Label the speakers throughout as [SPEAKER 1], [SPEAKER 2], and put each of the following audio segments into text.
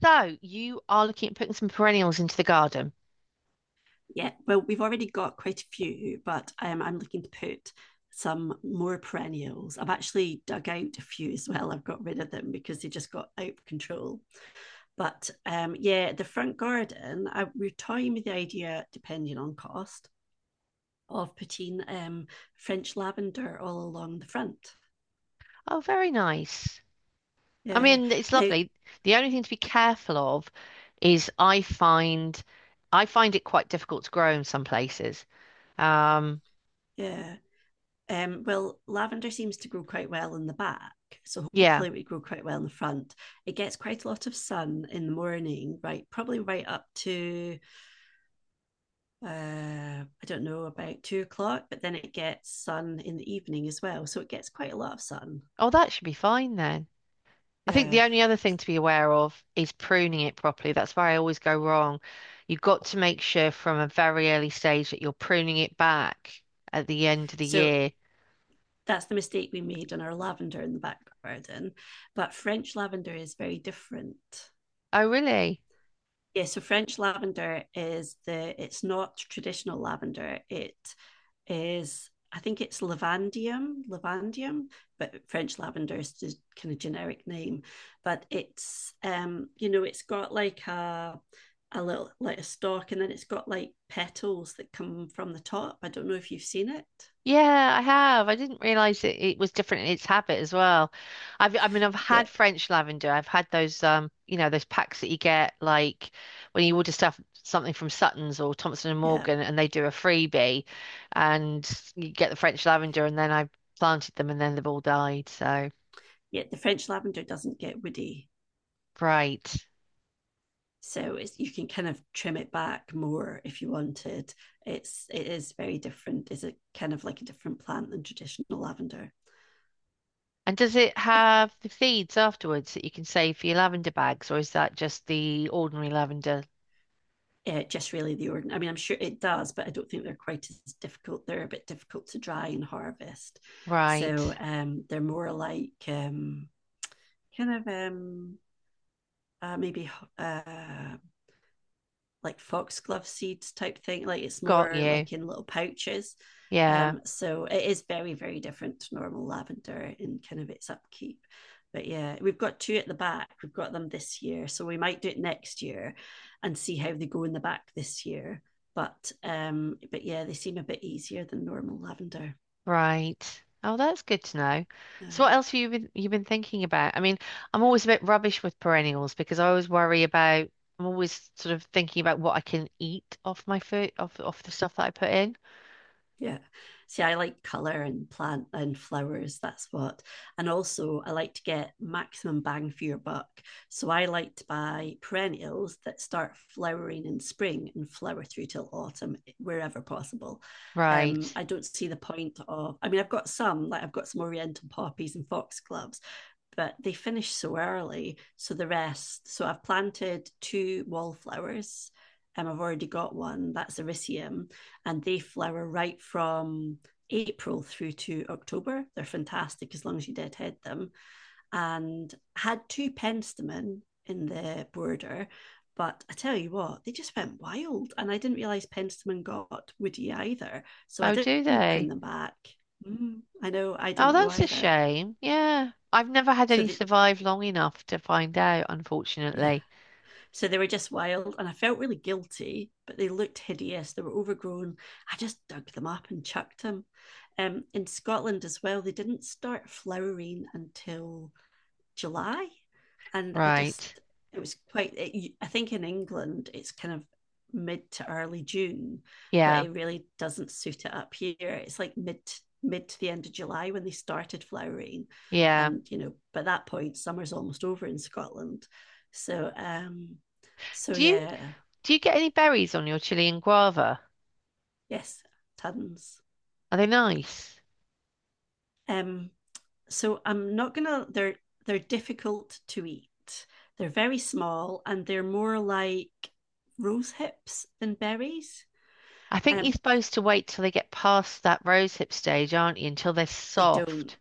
[SPEAKER 1] So you are looking at putting some perennials into the garden.
[SPEAKER 2] Yeah, well, we've already got quite a few, but I'm looking to put some more perennials. I've actually dug out a few as well. I've got rid of them because they just got out of control. But yeah, the front garden, I, we're toying with the idea, depending on cost, of putting French lavender all along the front.
[SPEAKER 1] Oh, very nice. I
[SPEAKER 2] Yeah.
[SPEAKER 1] mean, it's
[SPEAKER 2] Now,
[SPEAKER 1] lovely. The only thing to be careful of is I find it quite difficult to grow in some places. Um,
[SPEAKER 2] yeah. Well, lavender seems to grow quite well in the back, so
[SPEAKER 1] yeah.
[SPEAKER 2] hopefully it we grow quite well in the front. It gets quite a lot of sun in the morning, right? Probably right up to I don't know, about 2 o'clock, but then it gets sun in the evening as well, so it gets quite a lot of sun.
[SPEAKER 1] Oh, that should be fine then. I think
[SPEAKER 2] Yeah,
[SPEAKER 1] the only other thing to be aware of is pruning it properly. That's where I always go wrong. You've got to make sure from a very early stage that you're pruning it back at the end of the
[SPEAKER 2] so
[SPEAKER 1] year.
[SPEAKER 2] that's the mistake we made on our lavender in the back garden. But French lavender is very different.
[SPEAKER 1] Oh, really?
[SPEAKER 2] Yeah, so French lavender is the it's not traditional lavender. It is, I think it's lavandium, lavandium, but French lavender is the kind of generic name. But it's you know, it's got like a little, like a stalk, and then it's got like petals that come from the top. I don't know if you've seen it.
[SPEAKER 1] Yeah, I have. I didn't realize it was different in its habit as well. I mean, I've
[SPEAKER 2] Yeah,
[SPEAKER 1] had French lavender. I've had those, those packs that you get like when you order stuff, something from Suttons or Thompson and
[SPEAKER 2] yeah.
[SPEAKER 1] Morgan, and they do a freebie, and you get the French lavender, and then I planted them, and then they've all died. So
[SPEAKER 2] Yeah, the French lavender doesn't get woody.
[SPEAKER 1] right.
[SPEAKER 2] So it's, you can kind of trim it back more if you wanted. It is very different. It's a kind of, like a different plant than traditional lavender.
[SPEAKER 1] And does it
[SPEAKER 2] If
[SPEAKER 1] have the seeds afterwards that you can save for your lavender bags, or is that just the ordinary lavender?
[SPEAKER 2] Just really the ordinary. I mean, I'm sure it does, but I don't think they're quite as difficult. They're a bit difficult to dry and harvest,
[SPEAKER 1] Right,
[SPEAKER 2] so they're more like kind of maybe uh, like foxglove seeds type thing. Like it's
[SPEAKER 1] got
[SPEAKER 2] more
[SPEAKER 1] you.
[SPEAKER 2] like in little pouches.
[SPEAKER 1] Yeah.
[SPEAKER 2] So it is very, very different to normal lavender in kind of its upkeep. But yeah, we've got two at the back. We've got them this year. So we might do it next year and see how they go in the back this year. But yeah, they seem a bit easier than normal lavender.
[SPEAKER 1] Right. Oh, that's good to know.
[SPEAKER 2] Uh,
[SPEAKER 1] So what else have you've been thinking about? I mean, I'm always a bit rubbish with perennials because I'm always sort of thinking about what I can eat off my food off the stuff that I put in.
[SPEAKER 2] Yeah. See, I like colour and plant and flowers. That's what. And also, I like to get maximum bang for your buck. So I like to buy perennials that start flowering in spring and flower through till autumn, wherever possible.
[SPEAKER 1] Right.
[SPEAKER 2] I don't see the point of, I mean, I've got some, like I've got some oriental poppies and foxgloves, but they finish so early. So the rest, so I've planted two wallflowers. I've already got one, that's Ericium, and they flower right from April through to October. They're fantastic as long as you deadhead them. And had two penstemon in the border, but I tell you what, they just went wild. And I didn't realise penstemon got woody either. So I
[SPEAKER 1] Oh, do
[SPEAKER 2] didn't prune
[SPEAKER 1] they?
[SPEAKER 2] them back. Mm, I know, I
[SPEAKER 1] Oh,
[SPEAKER 2] didn't know
[SPEAKER 1] that's a
[SPEAKER 2] either.
[SPEAKER 1] shame. Yeah. I've never had
[SPEAKER 2] So
[SPEAKER 1] any
[SPEAKER 2] the,
[SPEAKER 1] survive long enough to find out,
[SPEAKER 2] yeah,
[SPEAKER 1] unfortunately.
[SPEAKER 2] So they were just wild, and I felt really guilty, but they looked hideous. They were overgrown. I just dug them up and chucked them. In Scotland as well, they didn't start flowering until July. And I just,
[SPEAKER 1] Right.
[SPEAKER 2] it was quite, it, I think in England, it's kind of mid to early June, but
[SPEAKER 1] Yeah.
[SPEAKER 2] it really doesn't suit it up here. It's like mid to the end of July when they started flowering.
[SPEAKER 1] Yeah.
[SPEAKER 2] And, you know, by that point, summer's almost over in Scotland. So, um, so
[SPEAKER 1] Do you
[SPEAKER 2] yeah,
[SPEAKER 1] do you get any berries on your chili and guava?
[SPEAKER 2] yes, tons.
[SPEAKER 1] Are they nice?
[SPEAKER 2] Um, so I'm not gonna. They're difficult to eat. They're very small and they're more like rose hips than berries.
[SPEAKER 1] I think you're
[SPEAKER 2] Um,
[SPEAKER 1] supposed to wait till they get past that rose hip stage, aren't you? Until they're
[SPEAKER 2] they don't,
[SPEAKER 1] soft.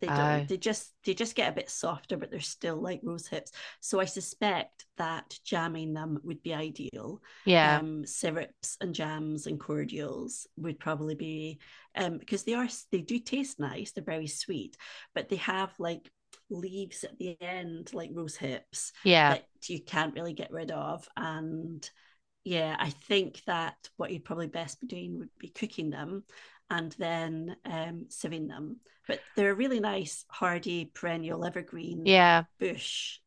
[SPEAKER 1] Oh,
[SPEAKER 2] they just, get a bit softer, but they're still like rose hips, so I suspect that jamming them would be ideal.
[SPEAKER 1] yeah,
[SPEAKER 2] Syrups and jams and cordials would probably be, because they are, they do taste nice, they're very sweet, but they have like leaves at the end, like rose hips,
[SPEAKER 1] yeah,
[SPEAKER 2] that you can't really get rid of. And yeah, I think that what you'd probably best be doing would be cooking them and then sieving them. But they're a really nice, hardy, perennial, evergreen
[SPEAKER 1] yeah.
[SPEAKER 2] bush,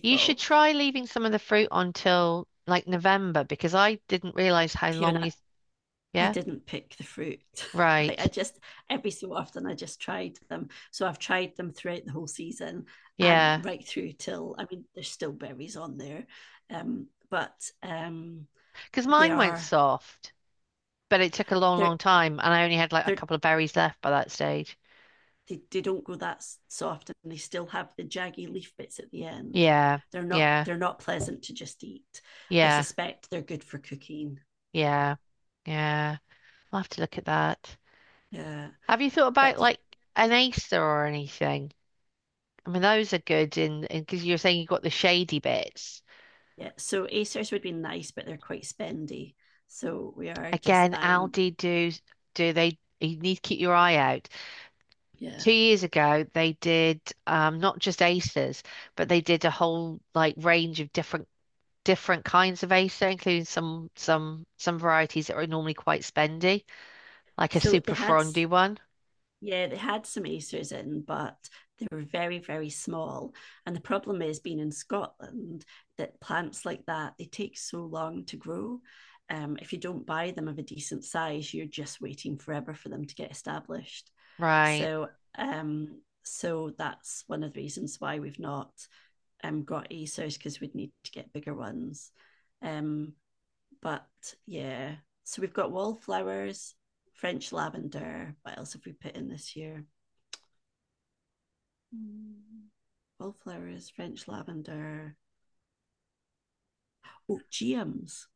[SPEAKER 1] You should try leaving some of the fruit until like November because I didn't realize how long
[SPEAKER 2] Fiona,
[SPEAKER 1] you.
[SPEAKER 2] I
[SPEAKER 1] Yeah,
[SPEAKER 2] didn't pick the fruit. Like
[SPEAKER 1] right.
[SPEAKER 2] I just, every so often I just tried them. So I've tried them throughout the whole season and
[SPEAKER 1] Yeah,
[SPEAKER 2] right through till, I mean, there's still berries on there. But
[SPEAKER 1] because
[SPEAKER 2] They
[SPEAKER 1] mine went
[SPEAKER 2] are,
[SPEAKER 1] soft, but it took a long,
[SPEAKER 2] they're
[SPEAKER 1] long time, and I only had like a
[SPEAKER 2] they're
[SPEAKER 1] couple of berries left by that stage.
[SPEAKER 2] they don't go that soft, and they still have the jaggy leaf bits at the end.
[SPEAKER 1] Yeah, yeah,
[SPEAKER 2] They're not pleasant to just eat. I
[SPEAKER 1] yeah,
[SPEAKER 2] suspect they're good for cooking.
[SPEAKER 1] yeah, yeah. I'll have to look at that.
[SPEAKER 2] Yeah,
[SPEAKER 1] Have you thought about
[SPEAKER 2] but
[SPEAKER 1] like an Acer or anything? I mean, those are good in because you're saying you got the shady bits.
[SPEAKER 2] yeah, so acers would be nice, but they're quite spendy, so we are just
[SPEAKER 1] Again,
[SPEAKER 2] buying.
[SPEAKER 1] Aldi do. Do they, you need to keep your eye out.
[SPEAKER 2] Yeah,
[SPEAKER 1] Two years ago, they did not just aces, but they did a whole like range of different kinds of acer, including some varieties that are normally quite spendy, like a
[SPEAKER 2] so they
[SPEAKER 1] super
[SPEAKER 2] had,
[SPEAKER 1] frondy one.
[SPEAKER 2] yeah, they had some acers in, but they were very, very small. And the problem is, being in Scotland, that plants like that, they take so long to grow. If you don't buy them of a decent size, you're just waiting forever for them to get established.
[SPEAKER 1] Right.
[SPEAKER 2] So, so that's one of the reasons why we've not got acers, because we'd need to get bigger ones. Um, but Yeah, so we've got wallflowers, French lavender. What else have we put in this year? Mm. Wallflowers, French lavender. Oh, GMs.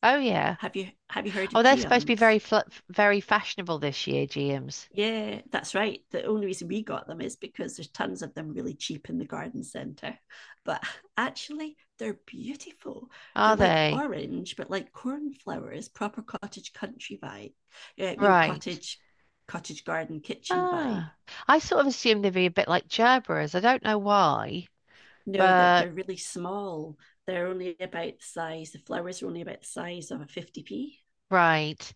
[SPEAKER 1] Oh yeah.
[SPEAKER 2] Have you heard
[SPEAKER 1] Oh,
[SPEAKER 2] of
[SPEAKER 1] they're supposed to be
[SPEAKER 2] GMs?
[SPEAKER 1] very fashionable this year, GMs.
[SPEAKER 2] Yeah, that's right. The only reason we got them is because there's tons of them really cheap in the garden centre. But actually, they're beautiful. They're
[SPEAKER 1] Are
[SPEAKER 2] like
[SPEAKER 1] they?
[SPEAKER 2] orange, but like cornflowers, proper cottage country vibe. Yeah, you know,
[SPEAKER 1] Right.
[SPEAKER 2] cottage garden kitchen vibe.
[SPEAKER 1] Ah, I sort of assume they'd be a bit like Gerberas. I don't know why,
[SPEAKER 2] No,
[SPEAKER 1] but
[SPEAKER 2] they're really small. They're only about the size. The flowers are only about the size of a 50p.
[SPEAKER 1] right.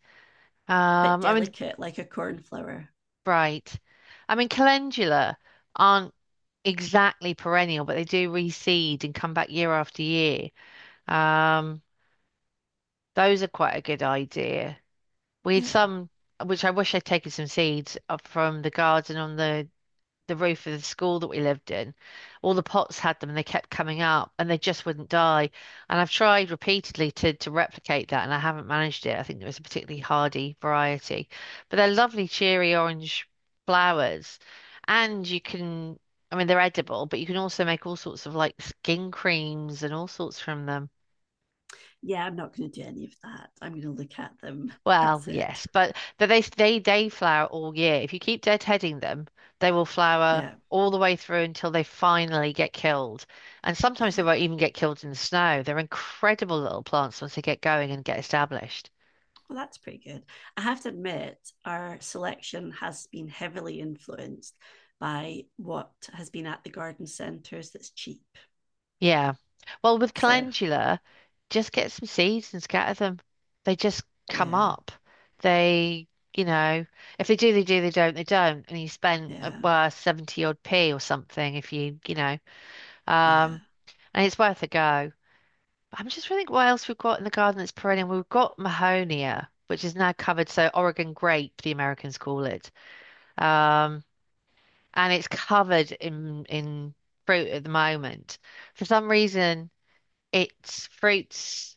[SPEAKER 2] But
[SPEAKER 1] Um, I mean,
[SPEAKER 2] delicate, like a cornflower.
[SPEAKER 1] right. I mean, calendula aren't exactly perennial, but they do reseed and come back year after year. Um, those are quite a good idea. We had
[SPEAKER 2] Yeah.
[SPEAKER 1] some, which I wish I'd taken some seeds up from the garden on the roof of the school that we lived in. All the pots had them and they kept coming up and they just wouldn't die. And I've tried repeatedly to replicate that and I haven't managed it. I think it was a particularly hardy variety. But they're lovely, cheery orange flowers. And you can, I mean, they're edible, but you can also make all sorts of like skin creams and all sorts from them.
[SPEAKER 2] Yeah, I'm not going to do any of that. I'm going to look at them.
[SPEAKER 1] Well,
[SPEAKER 2] That's it.
[SPEAKER 1] yes, but they flower all year. If you keep deadheading them, they will flower
[SPEAKER 2] Yeah.
[SPEAKER 1] all the way through until they finally get killed. And sometimes they
[SPEAKER 2] Yeah.
[SPEAKER 1] won't even get killed in the snow. They're incredible little plants once they get going and get established.
[SPEAKER 2] Well, that's pretty good. I have to admit, our selection has been heavily influenced by what has been at the garden centres that's cheap.
[SPEAKER 1] Yeah. Well, with
[SPEAKER 2] So,
[SPEAKER 1] calendula, just get some seeds and scatter them. They just come
[SPEAKER 2] yeah,
[SPEAKER 1] up. They, you know, if they do, they do, they don't, they don't. And you spend,
[SPEAKER 2] yeah,
[SPEAKER 1] well, 70 odd p or something if
[SPEAKER 2] yeah.
[SPEAKER 1] um, and it's worth a go. I'm just trying to think what else we've got in the garden that's perennial. We've got Mahonia, which is now covered, so Oregon grape, the Americans call it. Um, and it's covered in fruit at the moment. For some reason, it's fruits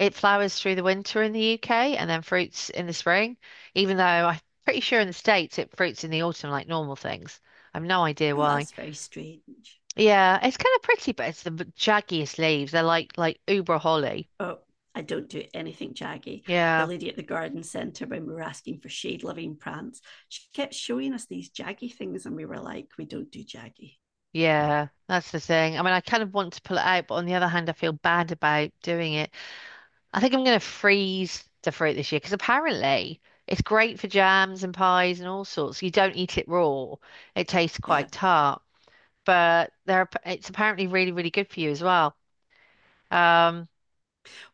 [SPEAKER 1] it flowers through the winter in the UK and then fruits in the spring, even though I'm pretty sure in the States it fruits in the autumn like normal things. I've no idea
[SPEAKER 2] Oh,
[SPEAKER 1] why.
[SPEAKER 2] that's very strange.
[SPEAKER 1] Yeah, it's kind of pretty, but it's the jaggiest leaves. They're like Uber holly.
[SPEAKER 2] Oh, I don't do anything jaggy. The
[SPEAKER 1] Yeah.
[SPEAKER 2] lady at the garden centre, when we were asking for shade loving plants, she kept showing us these jaggy things, and we were like, we don't do jaggy.
[SPEAKER 1] Yeah, that's the thing. I mean, I kind of want to pull it out, but on the other hand, I feel bad about doing it. I think I'm going to freeze the fruit this year because apparently it's great for jams and pies and all sorts. You don't eat it raw; it tastes
[SPEAKER 2] Yeah.
[SPEAKER 1] quite tart, but it's apparently really, really good for you as well. Um,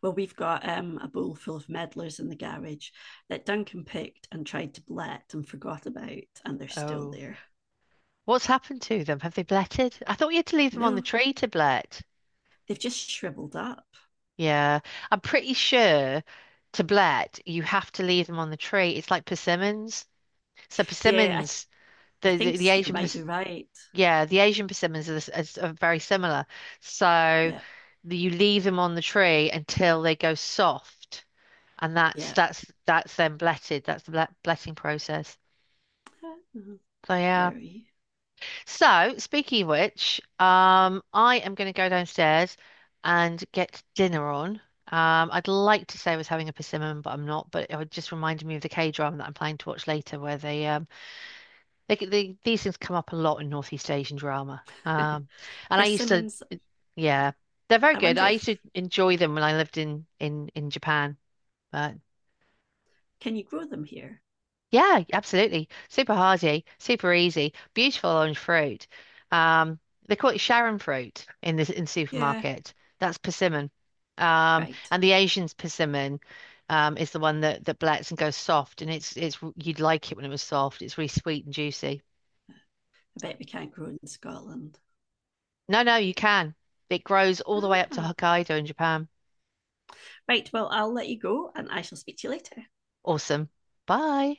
[SPEAKER 2] Well, we've got a bowl full of meddlers in the garage that Duncan picked and tried to blet and forgot about, and they're still
[SPEAKER 1] oh,
[SPEAKER 2] there.
[SPEAKER 1] what's happened to them? Have they bletted? I thought you had to leave them on the
[SPEAKER 2] No,
[SPEAKER 1] tree to blet.
[SPEAKER 2] they've just shriveled up.
[SPEAKER 1] Yeah, I'm pretty sure to blet you have to leave them on the tree. It's like persimmons. So
[SPEAKER 2] Yeah,
[SPEAKER 1] persimmons
[SPEAKER 2] I think
[SPEAKER 1] the
[SPEAKER 2] you
[SPEAKER 1] Asian
[SPEAKER 2] might be
[SPEAKER 1] pers
[SPEAKER 2] right.
[SPEAKER 1] yeah, the Asian persimmons are, the s- are very similar. So
[SPEAKER 2] Yeah,
[SPEAKER 1] you leave them on the tree until they go soft, and
[SPEAKER 2] yeah.
[SPEAKER 1] that's then bletted. That's the bletting process.
[SPEAKER 2] Uh,
[SPEAKER 1] So yeah.
[SPEAKER 2] Very.
[SPEAKER 1] So speaking of which, I am going to go downstairs and get dinner on. I'd like to say I was having a persimmon, but I'm not. But it just reminded me of the K-drama that I'm planning to watch later, where they these things come up a lot in Northeast Asian drama. And I used to,
[SPEAKER 2] Persimmons,
[SPEAKER 1] yeah, they're very
[SPEAKER 2] I
[SPEAKER 1] good.
[SPEAKER 2] wonder
[SPEAKER 1] I used to
[SPEAKER 2] if,
[SPEAKER 1] enjoy them when I lived in Japan. But
[SPEAKER 2] can you grow them here?
[SPEAKER 1] yeah, absolutely, super hearty, super easy, beautiful orange fruit. Um, they call it Sharon fruit in the in
[SPEAKER 2] Yeah,
[SPEAKER 1] supermarket. That's persimmon.
[SPEAKER 2] right.
[SPEAKER 1] And the Asian's persimmon is the one that blets and goes soft, and it's you'd like it when it was soft. It's really sweet and juicy.
[SPEAKER 2] I bet we can't grow in Scotland.
[SPEAKER 1] No, no, you can. It grows all the way up to
[SPEAKER 2] Ah.
[SPEAKER 1] Hokkaido in Japan.
[SPEAKER 2] Right, well, I'll let you go and I shall speak to you later.
[SPEAKER 1] Awesome. Bye.